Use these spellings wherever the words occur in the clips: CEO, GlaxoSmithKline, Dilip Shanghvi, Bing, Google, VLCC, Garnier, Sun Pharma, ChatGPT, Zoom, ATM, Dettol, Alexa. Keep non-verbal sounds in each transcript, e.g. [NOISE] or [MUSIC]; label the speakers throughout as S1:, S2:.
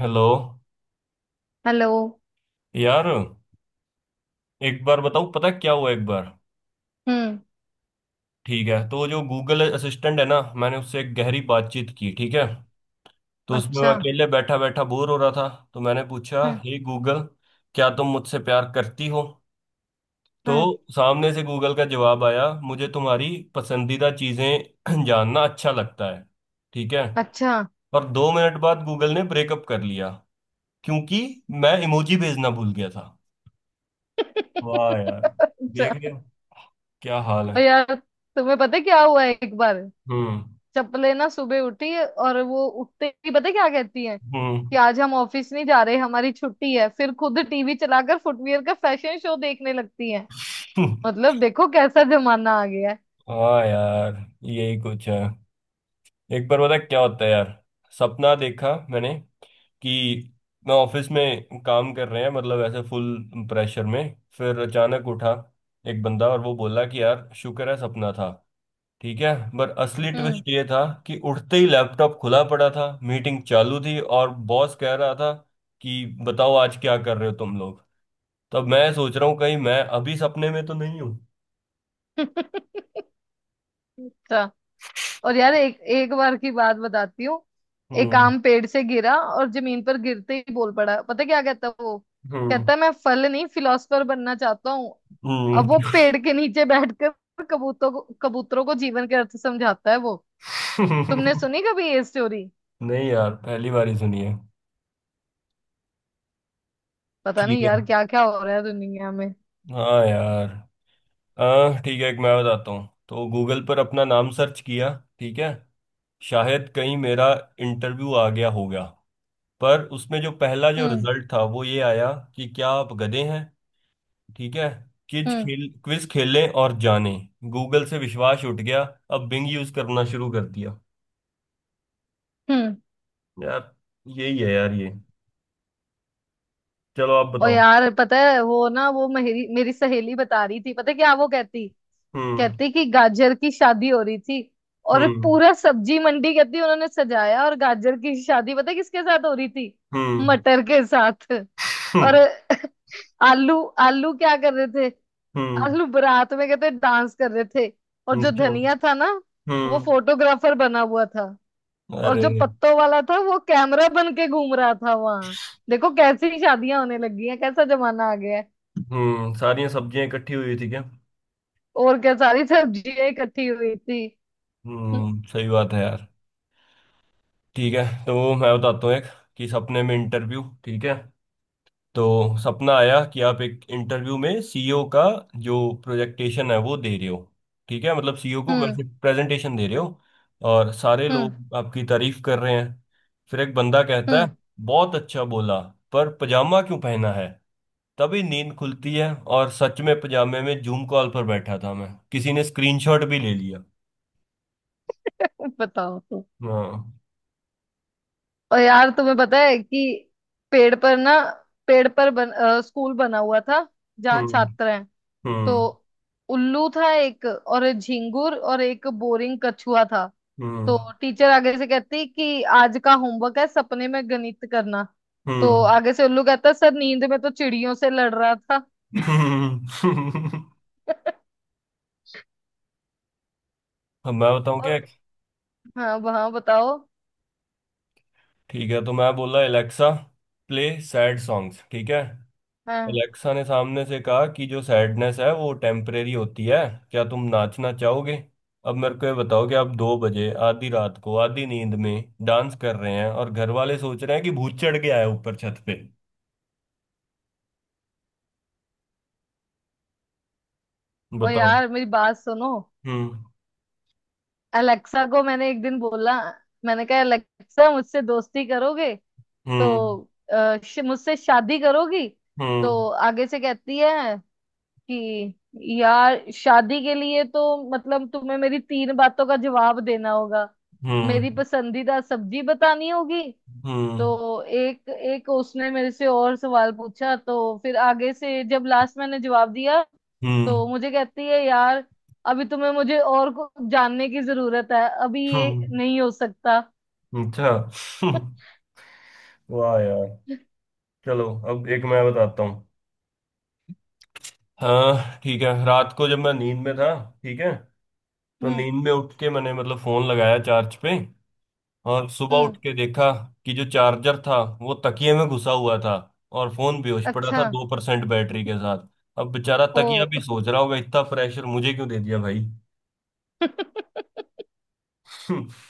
S1: Hello
S2: hello.
S1: यार। एक बार बताऊँ पता है क्या हुआ एक बार।
S2: हम्म।
S1: ठीक है तो जो गूगल असिस्टेंट है ना, मैंने उससे एक गहरी बातचीत की, ठीक है। तो उसमें मैं
S2: अच्छा।
S1: अकेले बैठा बैठा बोर हो रहा था। तो मैंने पूछा
S2: हाँ।
S1: हे गूगल, क्या तुम मुझसे प्यार करती हो?
S2: हाँ।
S1: तो सामने से गूगल का जवाब आया, मुझे तुम्हारी पसंदीदा चीज़ें [CLEARS THROAT] जानना अच्छा लगता है। ठीक है।
S2: अच्छा। [LAUGHS]
S1: और 2 मिनट बाद गूगल ने ब्रेकअप कर लिया, क्योंकि मैं इमोजी भेजना भूल गया था। वाह यार। देख
S2: अच्छा।
S1: रहे हो, क्या हाल है।
S2: और यार तुम्हें पता है क्या हुआ है एक बार।
S1: हम्म।
S2: चपले ना सुबह उठी और वो उठते ही पता है क्या कहती है
S1: हम्म।
S2: कि आज हम ऑफिस नहीं जा रहे, हमारी छुट्टी है। फिर खुद टीवी चलाकर फुटवियर का फैशन शो देखने लगती है।
S1: [LAUGHS]
S2: मतलब देखो कैसा जमाना आ गया है।
S1: हाँ यार। यही कुछ है। एक बार पता क्या होता है यार, सपना देखा मैंने कि मैं ऑफिस में काम कर रहे हैं, मतलब ऐसे फुल प्रेशर में। फिर अचानक उठा एक बंदा और वो बोला कि यार शुक्र है सपना था। ठीक है पर असली
S2: हम्म।
S1: ट्विस्ट ये था कि उठते ही लैपटॉप खुला पड़ा था, मीटिंग चालू थी और बॉस कह रहा था कि बताओ आज क्या कर रहे हो तुम लोग। तब मैं सोच रहा हूँ कहीं मैं अभी सपने में तो नहीं हूँ।
S2: [LAUGHS] अच्छा। और यार एक एक बार की बात बताती हूँ। एक
S1: हम्म।
S2: आम पेड़ से गिरा और जमीन पर गिरते ही बोल पड़ा। पता क्या कहता है वो? कहता है मैं फल नहीं फिलोसफर बनना चाहता हूँ।
S1: हम्म।
S2: अब वो पेड़ के नीचे बैठकर कबूतरों को जीवन के अर्थ समझाता है वो। तुमने
S1: [LAUGHS]
S2: सुनी कभी ये स्टोरी?
S1: नहीं यार, पहली बार ही सुनी है।
S2: पता
S1: ठीक
S2: नहीं
S1: है।
S2: यार क्या क्या हो रहा है दुनिया में।
S1: हाँ यार। ठीक है एक मैं बताता हूँ। तो गूगल पर अपना नाम सर्च किया, ठीक है। शायद कहीं मेरा इंटरव्यू आ गया होगा। पर उसमें जो पहला जो
S2: हम्म।
S1: रिजल्ट था वो ये आया कि क्या आप गधे हैं। ठीक है। क्विज
S2: हम्म।
S1: खेल क्विज खेलें और जानें। गूगल से विश्वास उठ गया। अब बिंग यूज करना शुरू कर दिया।
S2: हम्म।
S1: यार यही है यार ये। चलो आप
S2: और
S1: बताओ।
S2: यार पता है वो ना वो मेरी मेरी सहेली बता रही थी। पता है क्या वो कहती?
S1: हम्म।
S2: कहते कि गाजर की शादी हो रही थी और
S1: हम्म।
S2: पूरा सब्जी मंडी कहती उन्होंने सजाया। और गाजर की शादी पता है किसके साथ हो रही थी?
S1: हम्म।
S2: मटर के साथ।
S1: [LAUGHS]
S2: और
S1: हम्म।
S2: [LAUGHS] आलू। आलू क्या कर रहे थे?
S1: हम्म।
S2: आलू बारात में कहते डांस कर रहे थे। और जो
S1: अच्छा।
S2: धनिया था ना वो
S1: हम्म।
S2: फोटोग्राफर बना हुआ था। और
S1: अरे।
S2: जो पत्तों वाला था वो कैमरा बन के घूम रहा था वहां। देखो कैसी शादियां होने लगी हैं। कैसा जमाना आ गया है।
S1: सारी सब्जियां इकट्ठी हुई थी क्या?
S2: और क्या सारी सब्जियां इकट्ठी हुई थी? हम्म।
S1: सही बात है यार। ठीक है तो मैं बताता हूँ एक, कि सपने में इंटरव्यू, ठीक है। तो सपना आया कि आप एक इंटरव्यू में सीईओ का जो प्रोजेक्टेशन है वो दे रहे हो। ठीक है, मतलब सीईओ को
S2: हम्म।
S1: वैसे प्रेजेंटेशन दे रहे हो। और सारे
S2: हम्म।
S1: लोग आपकी तारीफ कर रहे हैं। फिर एक बंदा कहता है
S2: हम्म।
S1: बहुत अच्छा बोला, पर पजामा क्यों पहना है? तभी नींद खुलती है और सच में पजामे में जूम कॉल पर बैठा था मैं, किसी ने स्क्रीनशॉट भी ले लिया।
S2: [LAUGHS] बताओ तो।
S1: हाँ।
S2: और यार तुम्हें पता है कि पेड़ पर ना पेड़ पर स्कूल बना हुआ था जहाँ
S1: हम्म।
S2: छात्र हैं। तो
S1: हम्म।
S2: उल्लू था एक और एक झिंगुर और एक बोरिंग कछुआ था।
S1: हम्म।
S2: तो टीचर आगे से कहती कि आज का होमवर्क है सपने में गणित करना। तो
S1: हम्म।
S2: आगे से उल्लू कहता सर नींद में तो चिड़ियों से लड़ रहा था।
S1: हम्म।
S2: [LAUGHS]
S1: अब मैं बताऊं
S2: और
S1: क्या।
S2: हाँ वहाँ बताओ।
S1: ठीक है तो मैं बोला एलेक्सा प्ले सैड सॉन्ग्स, ठीक है।
S2: हाँ
S1: एलेक्सा ने सामने से कहा कि जो सैडनेस है वो टेम्परेरी होती है, क्या तुम नाचना चाहोगे। अब मेरे को ये बताओ कि आप 2 बजे आधी रात को आधी नींद में डांस कर रहे हैं और घर वाले सोच रहे हैं कि भूत चढ़ के आया ऊपर छत पे।
S2: और
S1: बताओ।
S2: यार मेरी बात सुनो।
S1: हम्म।
S2: अलेक्सा को मैंने एक दिन बोला। मैंने कहा अलेक्सा मुझसे दोस्ती करोगे?
S1: हम्म।
S2: तो मुझसे शादी करोगी?
S1: हम्म।
S2: तो आगे से कहती है कि यार शादी के लिए तो मतलब तुम्हें मेरी तीन बातों का जवाब देना होगा।
S1: हम्म।
S2: मेरी पसंदीदा सब्जी बतानी होगी।
S1: हम्म।
S2: तो एक एक उसने मेरे से और सवाल पूछा। तो फिर आगे से जब लास्ट मैंने जवाब दिया
S1: हम्म।
S2: तो मुझे कहती है यार अभी तुम्हें मुझे और को जानने की जरूरत है। अभी ये
S1: हम्म,
S2: नहीं हो सकता।
S1: अच्छा। [LAUGHS] वाह यार। चलो अब एक मैं बताता हूँ। हाँ ठीक है, रात को जब मैं नींद में था, ठीक है, तो
S2: हम्म।
S1: नींद में उठ के मैंने मतलब फोन लगाया चार्ज पे। और सुबह उठ
S2: हम्म।
S1: के देखा कि जो चार्जर था वो तकिए में घुसा हुआ था और फोन बेहोश पड़ा
S2: अच्छा।
S1: था 2% बैटरी के साथ। अब बेचारा
S2: ओ।
S1: तकिया भी सोच रहा होगा इतना प्रेशर मुझे क्यों दे दिया भाई।
S2: [LAUGHS]
S1: [LAUGHS]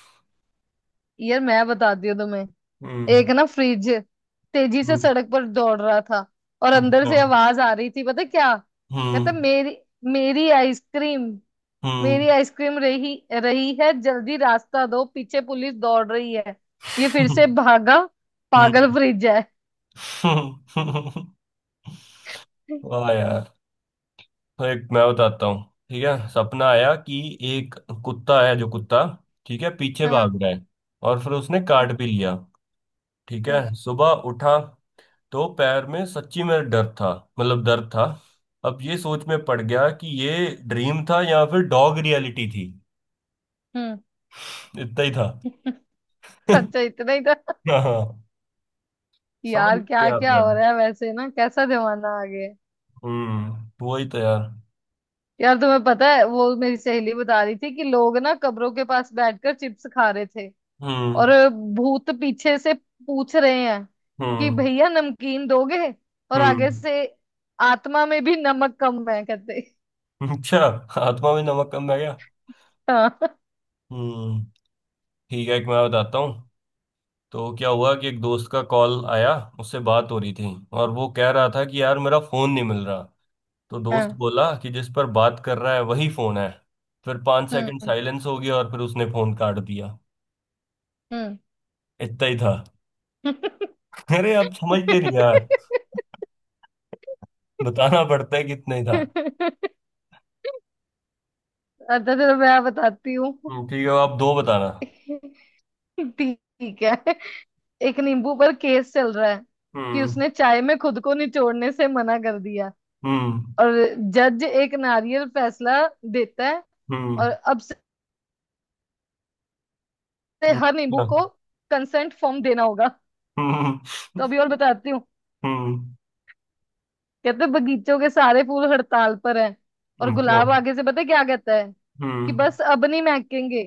S2: यार मैं बताती हूँ तुम्हें।
S1: हम्म।
S2: एक ना फ्रिज तेजी से
S1: हम्म।
S2: सड़क पर दौड़ रहा था। और अंदर
S1: अच्छा।
S2: से आवाज आ रही थी पता क्या कहता?
S1: हम्म।
S2: मेरी मेरी आइसक्रीम।
S1: हम्म।
S2: मेरी आइसक्रीम रही रही है। जल्दी रास्ता दो पीछे पुलिस दौड़ रही है। ये फिर से
S1: [LAUGHS]
S2: भागा। पागल
S1: हम्म।
S2: फ्रिज है।
S1: [LAUGHS] वाह यार। तो एक मैं बताता हूँ, ठीक है। सपना आया कि एक कुत्ता है, जो कुत्ता, ठीक है, पीछे
S2: हाँ।
S1: भाग रहा है और फिर उसने काट भी लिया। ठीक
S2: हाँ।
S1: है, सुबह उठा तो पैर में सच्ची में डर था, मतलब दर्द था। अब ये सोच में पड़ गया कि ये ड्रीम था या फिर डॉग रियलिटी थी।
S2: हम्म।
S1: इतना ही था।
S2: अच्छा
S1: [LAUGHS]
S2: इतना ही था।
S1: हाँ। समझ
S2: यार
S1: गए
S2: क्या
S1: आप
S2: क्या
S1: यार।
S2: हो रहा है वैसे ना। कैसा जमाना आ गया है।
S1: वही तो यार।
S2: यार तुम्हें पता है वो मेरी सहेली बता रही थी कि लोग ना कब्रों के पास बैठकर चिप्स खा रहे थे।
S1: हम्म।
S2: और भूत पीछे से पूछ रहे हैं कि
S1: हम्म।
S2: भैया नमकीन दोगे? और
S1: हम्म।
S2: आगे से आत्मा में भी नमक कम है कहते।
S1: [LAUGHS] अच्छा। आत्मा में नमक कम रह गया।
S2: हाँ।
S1: हम्म। ठीक है एक मैं बताता हूँ। तो क्या हुआ कि एक दोस्त का कॉल आया, उससे बात हो रही थी और वो कह रहा था कि यार मेरा फोन नहीं मिल रहा। तो दोस्त
S2: हाँ।
S1: बोला कि जिस पर बात कर रहा है वही फोन है। फिर 5 सेकंड
S2: हम्म।
S1: साइलेंस हो गया और फिर उसने फोन काट दिया।
S2: हम्म।
S1: इतना ही था।
S2: [LAUGHS]
S1: [LAUGHS] अरे आप समझते नहीं यार, बताना पड़ता है कितना ही था।
S2: अच्छा चलो मैं बताती हूँ।
S1: ठीक है आप दो बताना।
S2: ठीक है। एक नींबू पर केस चल रहा है कि
S1: हम्म।
S2: उसने चाय में खुद को निचोड़ने से मना कर दिया।
S1: हम्म।
S2: और जज एक नारियल फैसला देता है।
S1: हम्म।
S2: और अब से
S1: हम्म,
S2: हर नींबू
S1: अच्छा।
S2: को कंसेंट फॉर्म देना होगा।
S1: हम्म, हम्म,
S2: तो अभी और बताती हूँ।
S1: हम्म
S2: कहते बगीचों के सारे फूल हड़ताल पर हैं। और
S1: क्या?
S2: गुलाब आगे से पता है क्या कहता है? कि
S1: हम्म।
S2: बस अब नहीं महकेंगे।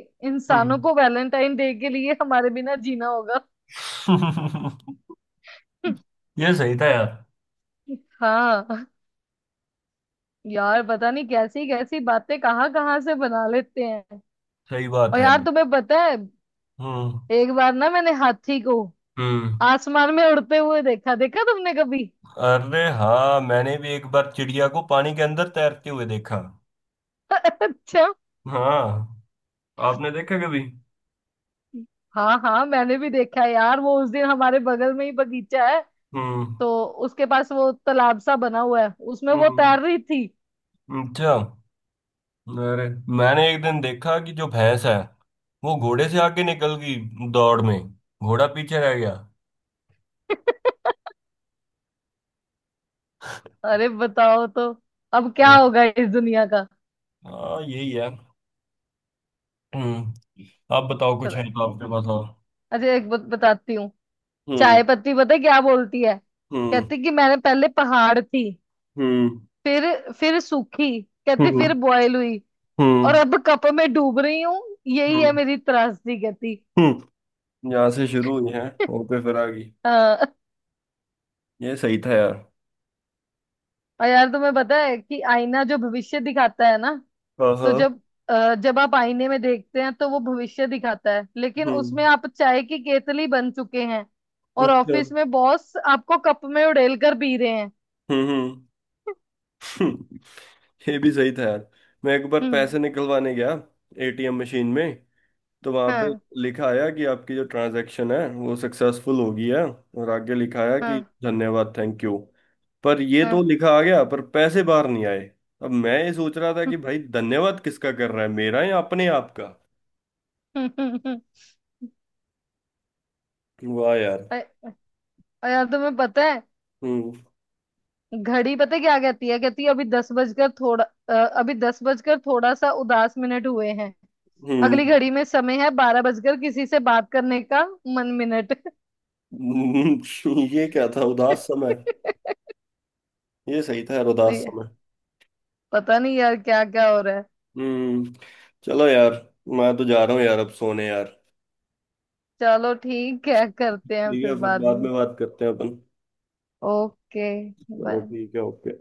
S1: हम्म।
S2: इंसानों को वैलेंटाइन डे के लिए हमारे बिना जीना होगा।
S1: [LAUGHS]
S2: [LAUGHS]
S1: ये सही था यार।
S2: हाँ। यार पता नहीं कैसी कैसी बातें कहाँ कहाँ से बना लेते हैं।
S1: सही बात
S2: और
S1: है।
S2: यार तुम्हें पता है
S1: हम्म।
S2: एक बार ना मैंने हाथी को
S1: हम्म।
S2: आसमान में उड़ते हुए देखा। देखा तुमने कभी?
S1: अरे हाँ मैंने भी एक बार चिड़िया को पानी के अंदर तैरते हुए देखा।
S2: [LAUGHS] अच्छा।
S1: हाँ, आपने देखा कभी?
S2: हाँ हाँ मैंने भी देखा है यार। वो उस दिन हमारे बगल में ही बगीचा है
S1: हम्म।
S2: तो उसके पास वो तालाब सा बना हुआ है, उसमें वो
S1: हम्म।
S2: तैर रही थी।
S1: अच्छा। अरे मैंने एक दिन देखा कि जो भैंस है वो घोड़े से आगे निकल गई दौड़ में, घोड़ा पीछे रह गया।
S2: [LAUGHS] अरे बताओ तो। अब क्या
S1: यार,
S2: होगा इस दुनिया का।
S1: हाँ यही है। हम्म। आप बताओ कुछ है तो आपके पास और।
S2: अच्छा एक बात बताती हूँ।
S1: हम्म।
S2: चाय पत्ती पता है क्या बोलती है?
S1: हम्म।
S2: कहती कि मैंने पहले पहाड़ थी।
S1: हम्म।
S2: फिर सूखी। कहती फिर
S1: हम्म।
S2: बॉयल हुई। और
S1: हम्म।
S2: अब कप में डूब रही हूँ। यही है
S1: हम्म।
S2: मेरी त्रासदी कहती।
S1: हम्म यहाँ से शुरू हुई है,
S2: [LAUGHS]
S1: वहां पे फिर आ गई।
S2: हाँ।
S1: ये सही था यार।
S2: और यार तुम्हें पता है कि आईना जो भविष्य दिखाता है ना।
S1: हाँ
S2: तो
S1: हाँ।
S2: जब जब आप आईने में देखते हैं तो वो भविष्य दिखाता है लेकिन
S1: हम्म।
S2: उसमें आप चाय की केतली बन चुके हैं। और
S1: अच्छा।
S2: ऑफिस में बॉस आपको कप में उड़ेल कर पी रहे हैं।
S1: हम्म। हम्म। [LAUGHS] ये भी सही था यार। मैं एक बार पैसे
S2: हम्म।
S1: निकलवाने गया एटीएम मशीन में, तो वहां पे
S2: हाँ।
S1: लिखा आया कि आपकी जो ट्रांजैक्शन है वो सक्सेसफुल हो गई है और आगे लिखा आया
S2: हाँ।
S1: कि धन्यवाद थैंक यू। पर ये तो
S2: हाँ।
S1: लिखा आ गया पर पैसे बाहर नहीं आए। अब मैं ये सोच रहा था कि भाई धन्यवाद किसका कर रहा है, मेरा या अपने आप का।
S2: [LAUGHS]
S1: वाह यार।
S2: अ- यार तुम्हें पता है
S1: हम्म।
S2: घड़ी पता है क्या कहती है? कहती है अभी 10 बजकर थोड़ा, अ, अभी 10 बजकर थोड़ा सा उदास मिनट हुए हैं। अगली
S1: हम्म।
S2: घड़ी में समय है 12 बजकर किसी से बात करने का मन मिनट।
S1: [LAUGHS] ये क्या था, उदास समय। ये सही था यार, उदास समय।
S2: [LAUGHS] पता नहीं यार क्या क्या हो रहा है।
S1: हम्म। चलो यार, मैं तो जा रहा हूँ यार अब सोने यार।
S2: चलो ठीक है करते हैं
S1: ठीक
S2: फिर
S1: है फिर
S2: बाद
S1: बाद
S2: में।
S1: में बात करते हैं अपन।
S2: ओके।
S1: चलो
S2: बाय।
S1: ठीक है ओके।